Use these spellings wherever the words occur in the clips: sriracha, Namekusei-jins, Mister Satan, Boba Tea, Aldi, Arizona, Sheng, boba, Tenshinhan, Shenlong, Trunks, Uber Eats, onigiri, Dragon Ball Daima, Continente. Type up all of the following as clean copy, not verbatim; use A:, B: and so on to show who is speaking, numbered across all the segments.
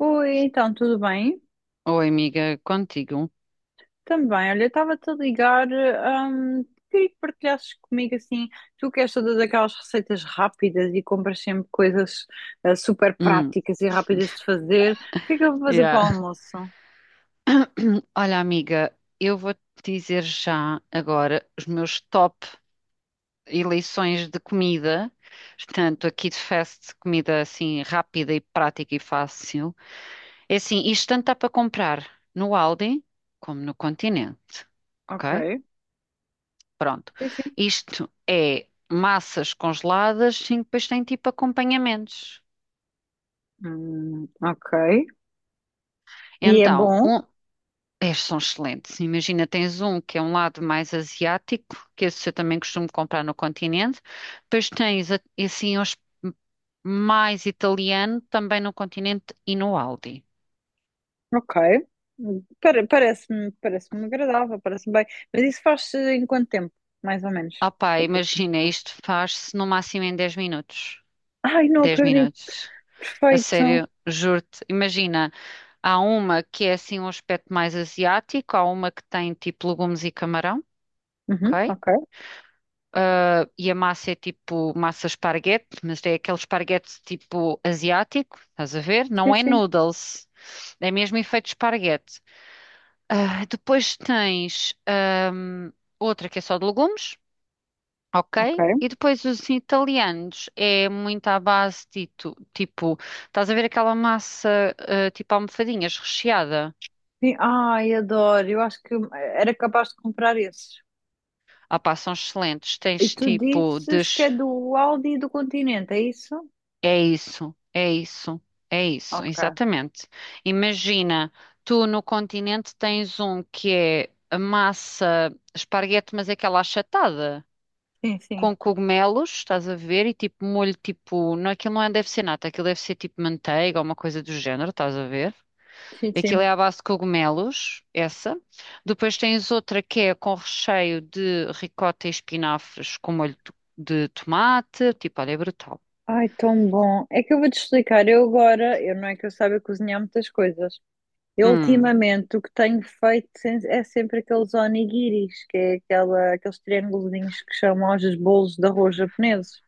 A: Oi, então, tudo bem?
B: Oi, amiga, contigo.
A: Também, olha, eu estava-te a ligar, queria que partilhasses comigo assim, tu queres todas aquelas receitas rápidas e compras sempre coisas super
B: Hum,
A: práticas e rápidas de fazer, o que é que eu vou fazer para o
B: yeah.
A: almoço?
B: Olha, amiga, eu vou te dizer já agora os meus top eleições de comida. Portanto, aqui de fast, comida assim rápida e prática e fácil. É assim, isto tanto dá para comprar no Aldi como no Continente. Ok?
A: Ok,
B: Pronto.
A: sim, sim.
B: Isto é massas congeladas, sim, depois tem tipo acompanhamentos.
A: Ok, e é
B: Então,
A: bom?
B: um. É, são excelentes. Imagina, tens um que é um lado mais asiático, que esse eu também costumo comprar no continente. Depois tens assim os mais italiano também no continente e no Aldi.
A: Ok. Parece-me agradável, parece-me bem, mas isso faz-se em quanto tempo, mais ou menos?
B: Opá, imagina, isto faz-se no máximo em 10 minutos.
A: Ai, não
B: 10
A: acredito,
B: minutos. A
A: perfeito.
B: sério, juro-te. Imagina, há uma que é assim um aspecto mais asiático, há uma que tem tipo legumes e camarão,
A: Uhum,
B: ok?
A: ok,
B: Ah, e a massa é tipo massa esparguete, mas é aquele esparguete tipo asiático, estás a ver?
A: sim,
B: Não é
A: sim.
B: noodles, é mesmo efeito esparguete. Ah, depois tens outra que é só de legumes, ok? E
A: Ok.
B: depois os italianos é muito à base de tipo, estás a ver aquela massa ah, tipo almofadinhas recheada?
A: Sim, ai, adoro. Eu acho que era capaz de comprar esses.
B: Ah pá, são excelentes.
A: E
B: Tens
A: tu
B: tipo de.
A: dizes que é do Aldi e do Continente, é isso?
B: É isso, é isso, é isso,
A: Ok.
B: exatamente. Imagina, tu no continente tens um que é a massa esparguete, mas é aquela achatada,
A: Sim, sim.
B: com cogumelos, estás a ver, e tipo molho, tipo, não, aquilo não é, deve ser nata, aquilo deve ser tipo manteiga ou uma coisa do género, estás a ver?
A: Sim,
B: Aquilo
A: sim.
B: é à base de cogumelos, essa. Depois tens outra que é com recheio de ricota e espinafres com molho de tomate, tipo, olha, é brutal.
A: Ai, tão bom. É que eu vou-te explicar. Eu agora, eu não é que eu saiba cozinhar muitas coisas. Eu
B: Hum.
A: ultimamente o que tenho feito é sempre aqueles onigiris, que é aquela, aqueles triângulos que chamam aos bolos de arroz japoneses.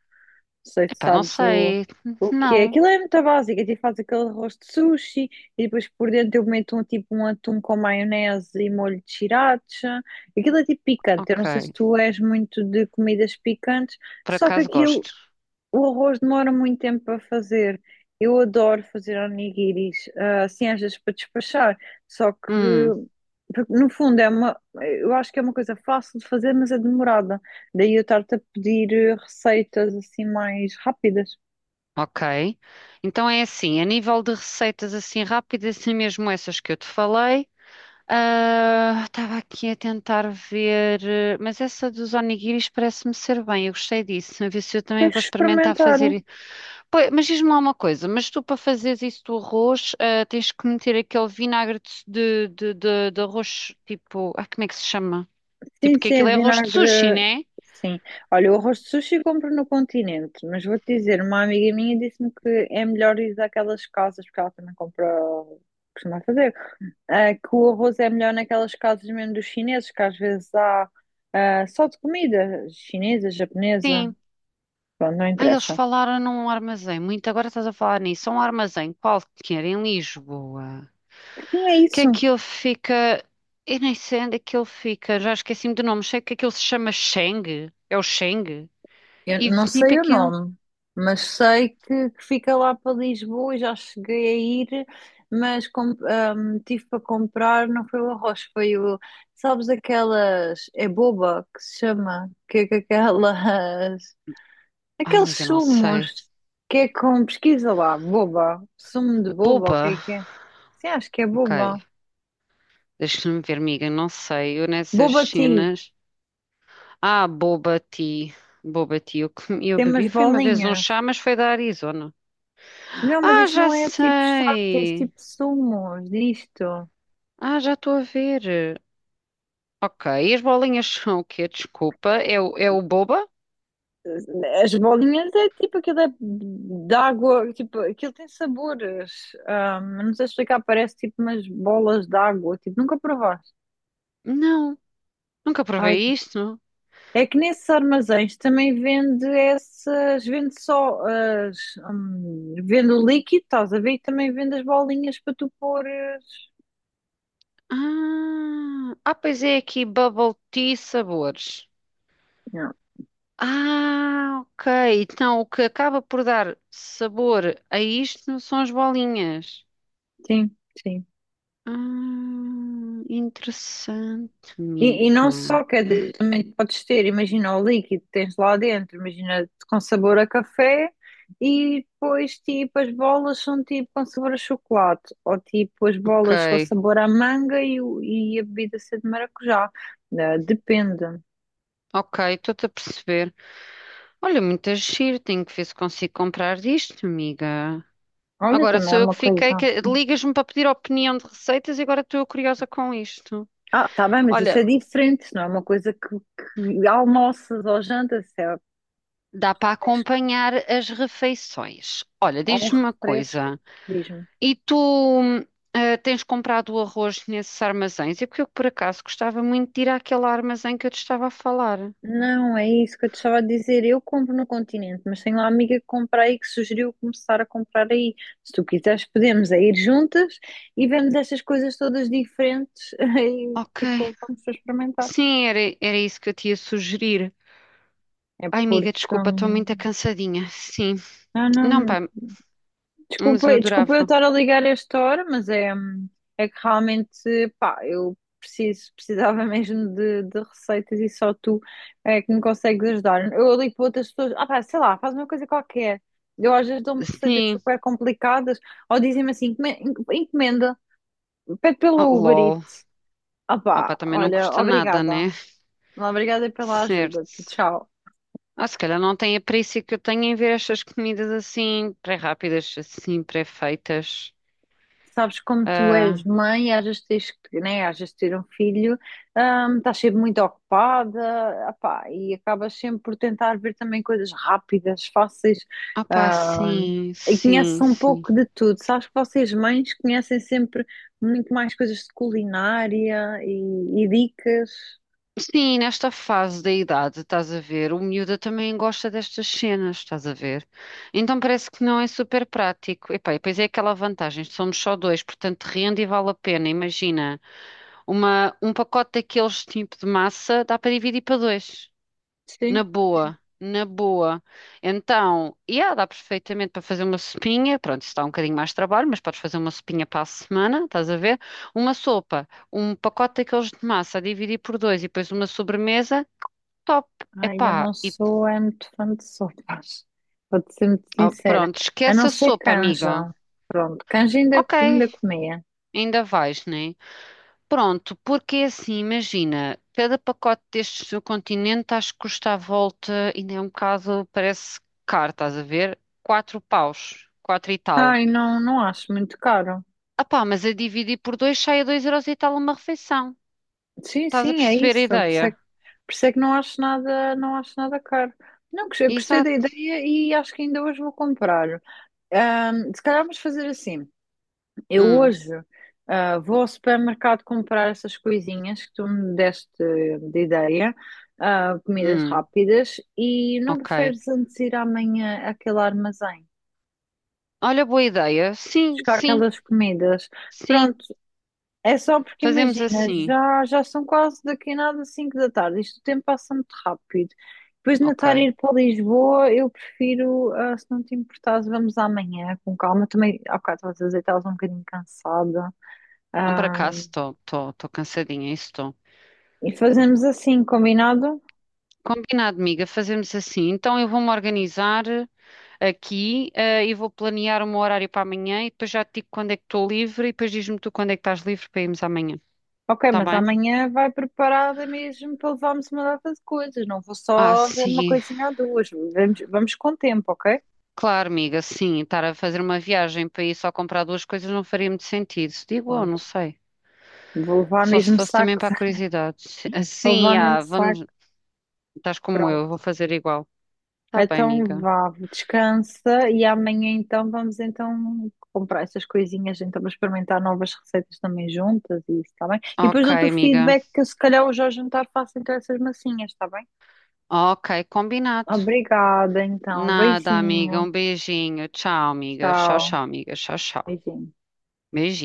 A: Não sei se
B: Epá, não
A: sabes
B: sei.
A: o que é.
B: Não.
A: Aquilo é muito básico. A gente faz aquele arroz de sushi e depois por dentro eu meto um, tipo um atum com maionese e molho de sriracha. Aquilo é tipo picante. Eu não sei se
B: Ok.
A: tu és muito de comidas picantes,
B: Por
A: só que
B: acaso
A: aquilo
B: gosto.
A: o arroz demora muito tempo para fazer. Eu adoro fazer onigiris, assim às vezes para despachar. Só que,
B: Hum,
A: porque, no fundo, é uma, eu acho que é uma coisa fácil de fazer, mas é demorada. Daí eu estar-te a pedir receitas assim mais rápidas.
B: ok. Então é assim, a nível de receitas assim rápidas, assim mesmo essas que eu te falei. Ah, estava aqui a tentar ver, eh, mas essa dos onigiris parece-me ser bem, eu gostei disso. A ver se eu também
A: Tens que
B: vou experimentar
A: experimentar.
B: fazer. Pois, mas diz-me lá uma coisa, mas tu para fazeres isso do arroz, ah, tens que meter aquele vinagre de arroz, tipo, ah, como é que se chama?
A: Sim,
B: Tipo, que
A: sim, é
B: aquilo é arroz de sushi,
A: vinagre.
B: né?
A: Sim. Olha, o arroz de sushi compro no continente, mas vou-te dizer, uma amiga minha disse-me que é melhor ir daquelas casas, porque ela também compra, costuma fazer, que o arroz é melhor naquelas casas mesmo dos chineses, que às vezes há só de comida chinesa, japonesa,
B: Sim.
A: pronto, não
B: Ah, eles
A: interessa.
B: falaram num armazém. Muito agora estás a falar nisso. É um armazém qualquer em Lisboa.
A: Sim, é
B: Que
A: isso.
B: aquilo fica. Eu nem sei onde é que ele fica. Já esqueci-me do nome. Sei que aquilo se chama Sheng. É o Sheng.
A: Eu
B: E
A: não
B: tipo
A: sei o
B: aquilo.
A: nome, mas sei que fica lá para Lisboa e já cheguei a ir, mas tive para comprar, não foi o arroz, foi o, sabes aquelas, é boba que se chama, que é que aquelas,
B: Ai,
A: aqueles
B: amiga, não sei.
A: sumos, que é com, pesquisa lá, boba, sumo de boba, o que
B: Boba.
A: é que é? Sim, acho que é
B: Ok.
A: boba.
B: Deixa-me ver, amiga. Não sei. Eu nessas
A: Boba tea,
B: cenas. Ah, Boba Tea. Boba Tea. Eu
A: tem umas
B: bebi foi uma vez um
A: bolinhas.
B: chá, mas foi da Arizona.
A: Não, mas
B: Ah,
A: isto
B: já
A: não é tipo chá, é
B: sei.
A: tipo sumos disto.
B: Ah, já estou a ver. Ok, e as bolinhas são o quê? Desculpa, é o boba?
A: As bolinhas é tipo aquilo é de água, tipo, aquilo tem sabores. Ah, não sei explicar, parece tipo umas bolas de água, tipo, nunca provaste.
B: Não, nunca
A: Ai,
B: provei isto.
A: é que nesses armazéns também vende essas, vende só as, vende o líquido, estás a ver? E também vende as bolinhas para tu pôres.
B: Ah, ah, pois é aqui bubble tea sabores.
A: Não,
B: Ah, ok, então o que acaba por dar sabor a isto são as bolinhas.
A: sim, sim.
B: Ah, interessante,
A: E não
B: Mica.
A: só, quer dizer, também podes ter, imagina o líquido que tens lá dentro, imagina com sabor a café, e depois tipo as bolas são tipo com sabor a chocolate, ou tipo as
B: Ok,
A: bolas com sabor a manga e, e a bebida ser de maracujá. Depende.
B: ok, estou-te a perceber. Olha, muito giro, tenho que ver se consigo comprar disto, amiga.
A: Olha,
B: Agora
A: também é
B: sou eu
A: uma
B: que fiquei,
A: coisa.
B: que ligas-me para pedir opinião de receitas e agora estou eu curiosa com isto.
A: Ah, tá bem, mas isso
B: Olha,
A: é diferente, não é uma coisa que almoças ou jantas, é
B: dá para
A: fresco,
B: acompanhar as refeições. Olha,
A: ou um
B: diz-me uma
A: refresco,
B: coisa.
A: diz-me.
B: E tu eh, tens comprado o arroz nesses armazéns? É porque eu, por acaso, gostava muito de ir àquele armazém que eu te estava a falar.
A: Não, é isso que eu te estava a dizer. Eu compro no Continente, mas tenho lá uma amiga que compra aí que sugeriu começar a comprar aí. Se tu quiseres, podemos é ir juntas e vemos estas coisas todas diferentes
B: Ok.
A: e tipo, vamos para experimentar.
B: Sim, era isso que eu te ia sugerir.
A: É
B: Ai,
A: porque.
B: amiga, desculpa, estou muito cansadinha. Sim.
A: Não,
B: Não,
A: não.
B: pá, mas eu
A: Desculpa, desculpa eu
B: adorava.
A: estar a ligar a esta hora, mas é, é que realmente, pá, eu preciso, precisava mesmo de receitas e só tu é que me consegues ajudar. Eu ligo para outras pessoas, ah pá, sei lá, faz uma coisa qualquer. Eu às vezes dou-me receitas
B: Sim.
A: super complicadas, ou dizem-me assim, encomenda, pede pela
B: Oh,
A: Uber
B: lol.
A: Eats." Ah
B: Opa,
A: pá,
B: também não
A: olha,
B: custa nada,
A: obrigada.
B: né?
A: Obrigada pela ajuda.
B: Certo.
A: Tchau.
B: Ah, se calhar não tem a perícia que eu tenho em ver estas comidas assim, pré-rápidas, assim, pré-feitas.
A: Sabes, como tu és
B: Ah,
A: mãe, às vezes tens que, né, às vezes ter um filho, estás sempre muito ocupada, apá, e acabas sempre por tentar ver também coisas rápidas, fáceis,
B: opá,
A: hum,
B: sim,
A: e conheces
B: sim,
A: um
B: sim.
A: pouco de tudo. Sabes que vocês mães conhecem sempre muito mais coisas de culinária e dicas.
B: Sim, nesta fase da idade, estás a ver, o miúda também gosta destas cenas, estás a ver? Então parece que não é super prático. Epá, e depois é aquela vantagem, somos só dois, portanto rende e vale a pena. Imagina, um pacote daqueles tipo de massa dá para dividir para dois. Na
A: Sim.
B: boa, na boa. Então, yeah, dá perfeitamente para fazer uma sopinha. Pronto, isso dá um bocadinho mais de trabalho, mas podes fazer uma sopinha para a semana, estás a ver? Uma sopa, um pacote daqueles de massa a dividir por dois e depois uma sobremesa, top.
A: Ai, eu
B: Epá,
A: não
B: e
A: sou é muito fã de sopas, vou-te ser muito
B: oh,
A: sincera.
B: pronto,
A: A
B: esquece
A: não
B: a
A: ser
B: sopa, amiga.
A: canja. Pronto, canja ainda,
B: Ok,
A: ainda comi.
B: ainda vais, né? Pronto, porque é assim, imagina, cada pacote destes do continente acho que custa à volta, ainda é um bocado, parece caro, estás a ver? 4 paus, 4 e tal.
A: Ai, não, não acho muito caro.
B: Ah pá, mas a dividir por dois sai a 2 euros e tal uma refeição.
A: Sim,
B: Estás a
A: sim, é
B: perceber a
A: isso. Por isso
B: ideia?
A: é que, por isso é que não acho nada, não acho nada caro. Não, gostei da
B: Exato.
A: ideia e acho que ainda hoje vou comprar. Se calhar vamos fazer assim. Eu
B: Hum,
A: hoje, vou ao supermercado comprar essas coisinhas que tu me deste de ideia, comidas
B: hum,
A: rápidas, e não
B: ok.
A: preferes antes ir amanhã àquele armazém,
B: Olha, boa ideia. Sim,
A: buscar
B: sim,
A: aquelas comidas.
B: sim,
A: Pronto, é só porque
B: fazemos
A: imagina,
B: assim.
A: já, já são quase daqui a nada 5 da tarde, isto o tempo passa muito rápido. Depois de Natar
B: Ok.
A: ir para Lisboa, eu prefiro, se não te importares, vamos amanhã com calma. Também, há bocado estás a dizer que estavas um bocadinho cansada.
B: Ah, por
A: Ah,
B: acaso estou, cansadinha, isso estou.
A: e fazemos assim, combinado?
B: Combinado, amiga, fazemos assim. Então eu vou-me organizar aqui, eh, e vou planear um horário para amanhã e depois já te digo quando é que estou livre e depois diz-me tu quando é que estás livre para irmos amanhã,
A: Ok,
B: está
A: mas
B: bem?
A: amanhã vai preparada mesmo para levarmos uma data de coisas. Não vou
B: Ah,
A: só ver uma
B: sim,
A: coisinha ou duas. Vamos, vamos com tempo, ok?
B: claro, amiga, sim, estar a fazer uma viagem para ir só comprar duas coisas não faria muito sentido, digo eu, não
A: Pronto.
B: sei.
A: Vou levar
B: Só se
A: mesmo
B: fosse também
A: sacos,
B: para a curiosidade.
A: vou
B: Sim,
A: levar mesmo
B: ah,
A: saco.
B: vamos, estás como eu,
A: Pronto.
B: vou fazer igual. Está bem,
A: Então
B: amiga.
A: vá, descansa e amanhã então vamos então comprar essas coisinhas, então vamos experimentar novas receitas também juntas e isso, está bem? E depois
B: Ok,
A: dou-te o
B: amiga.
A: feedback que se calhar hoje ao jantar faço então essas massinhas, está bem?
B: Ok, combinado.
A: Obrigada então,
B: Nada, amiga,
A: beijinho,
B: um beijinho. Tchau, amiga. Tchau,
A: tchau,
B: tchau, amiga. Tchau, tchau.
A: beijinho.
B: Beijinho.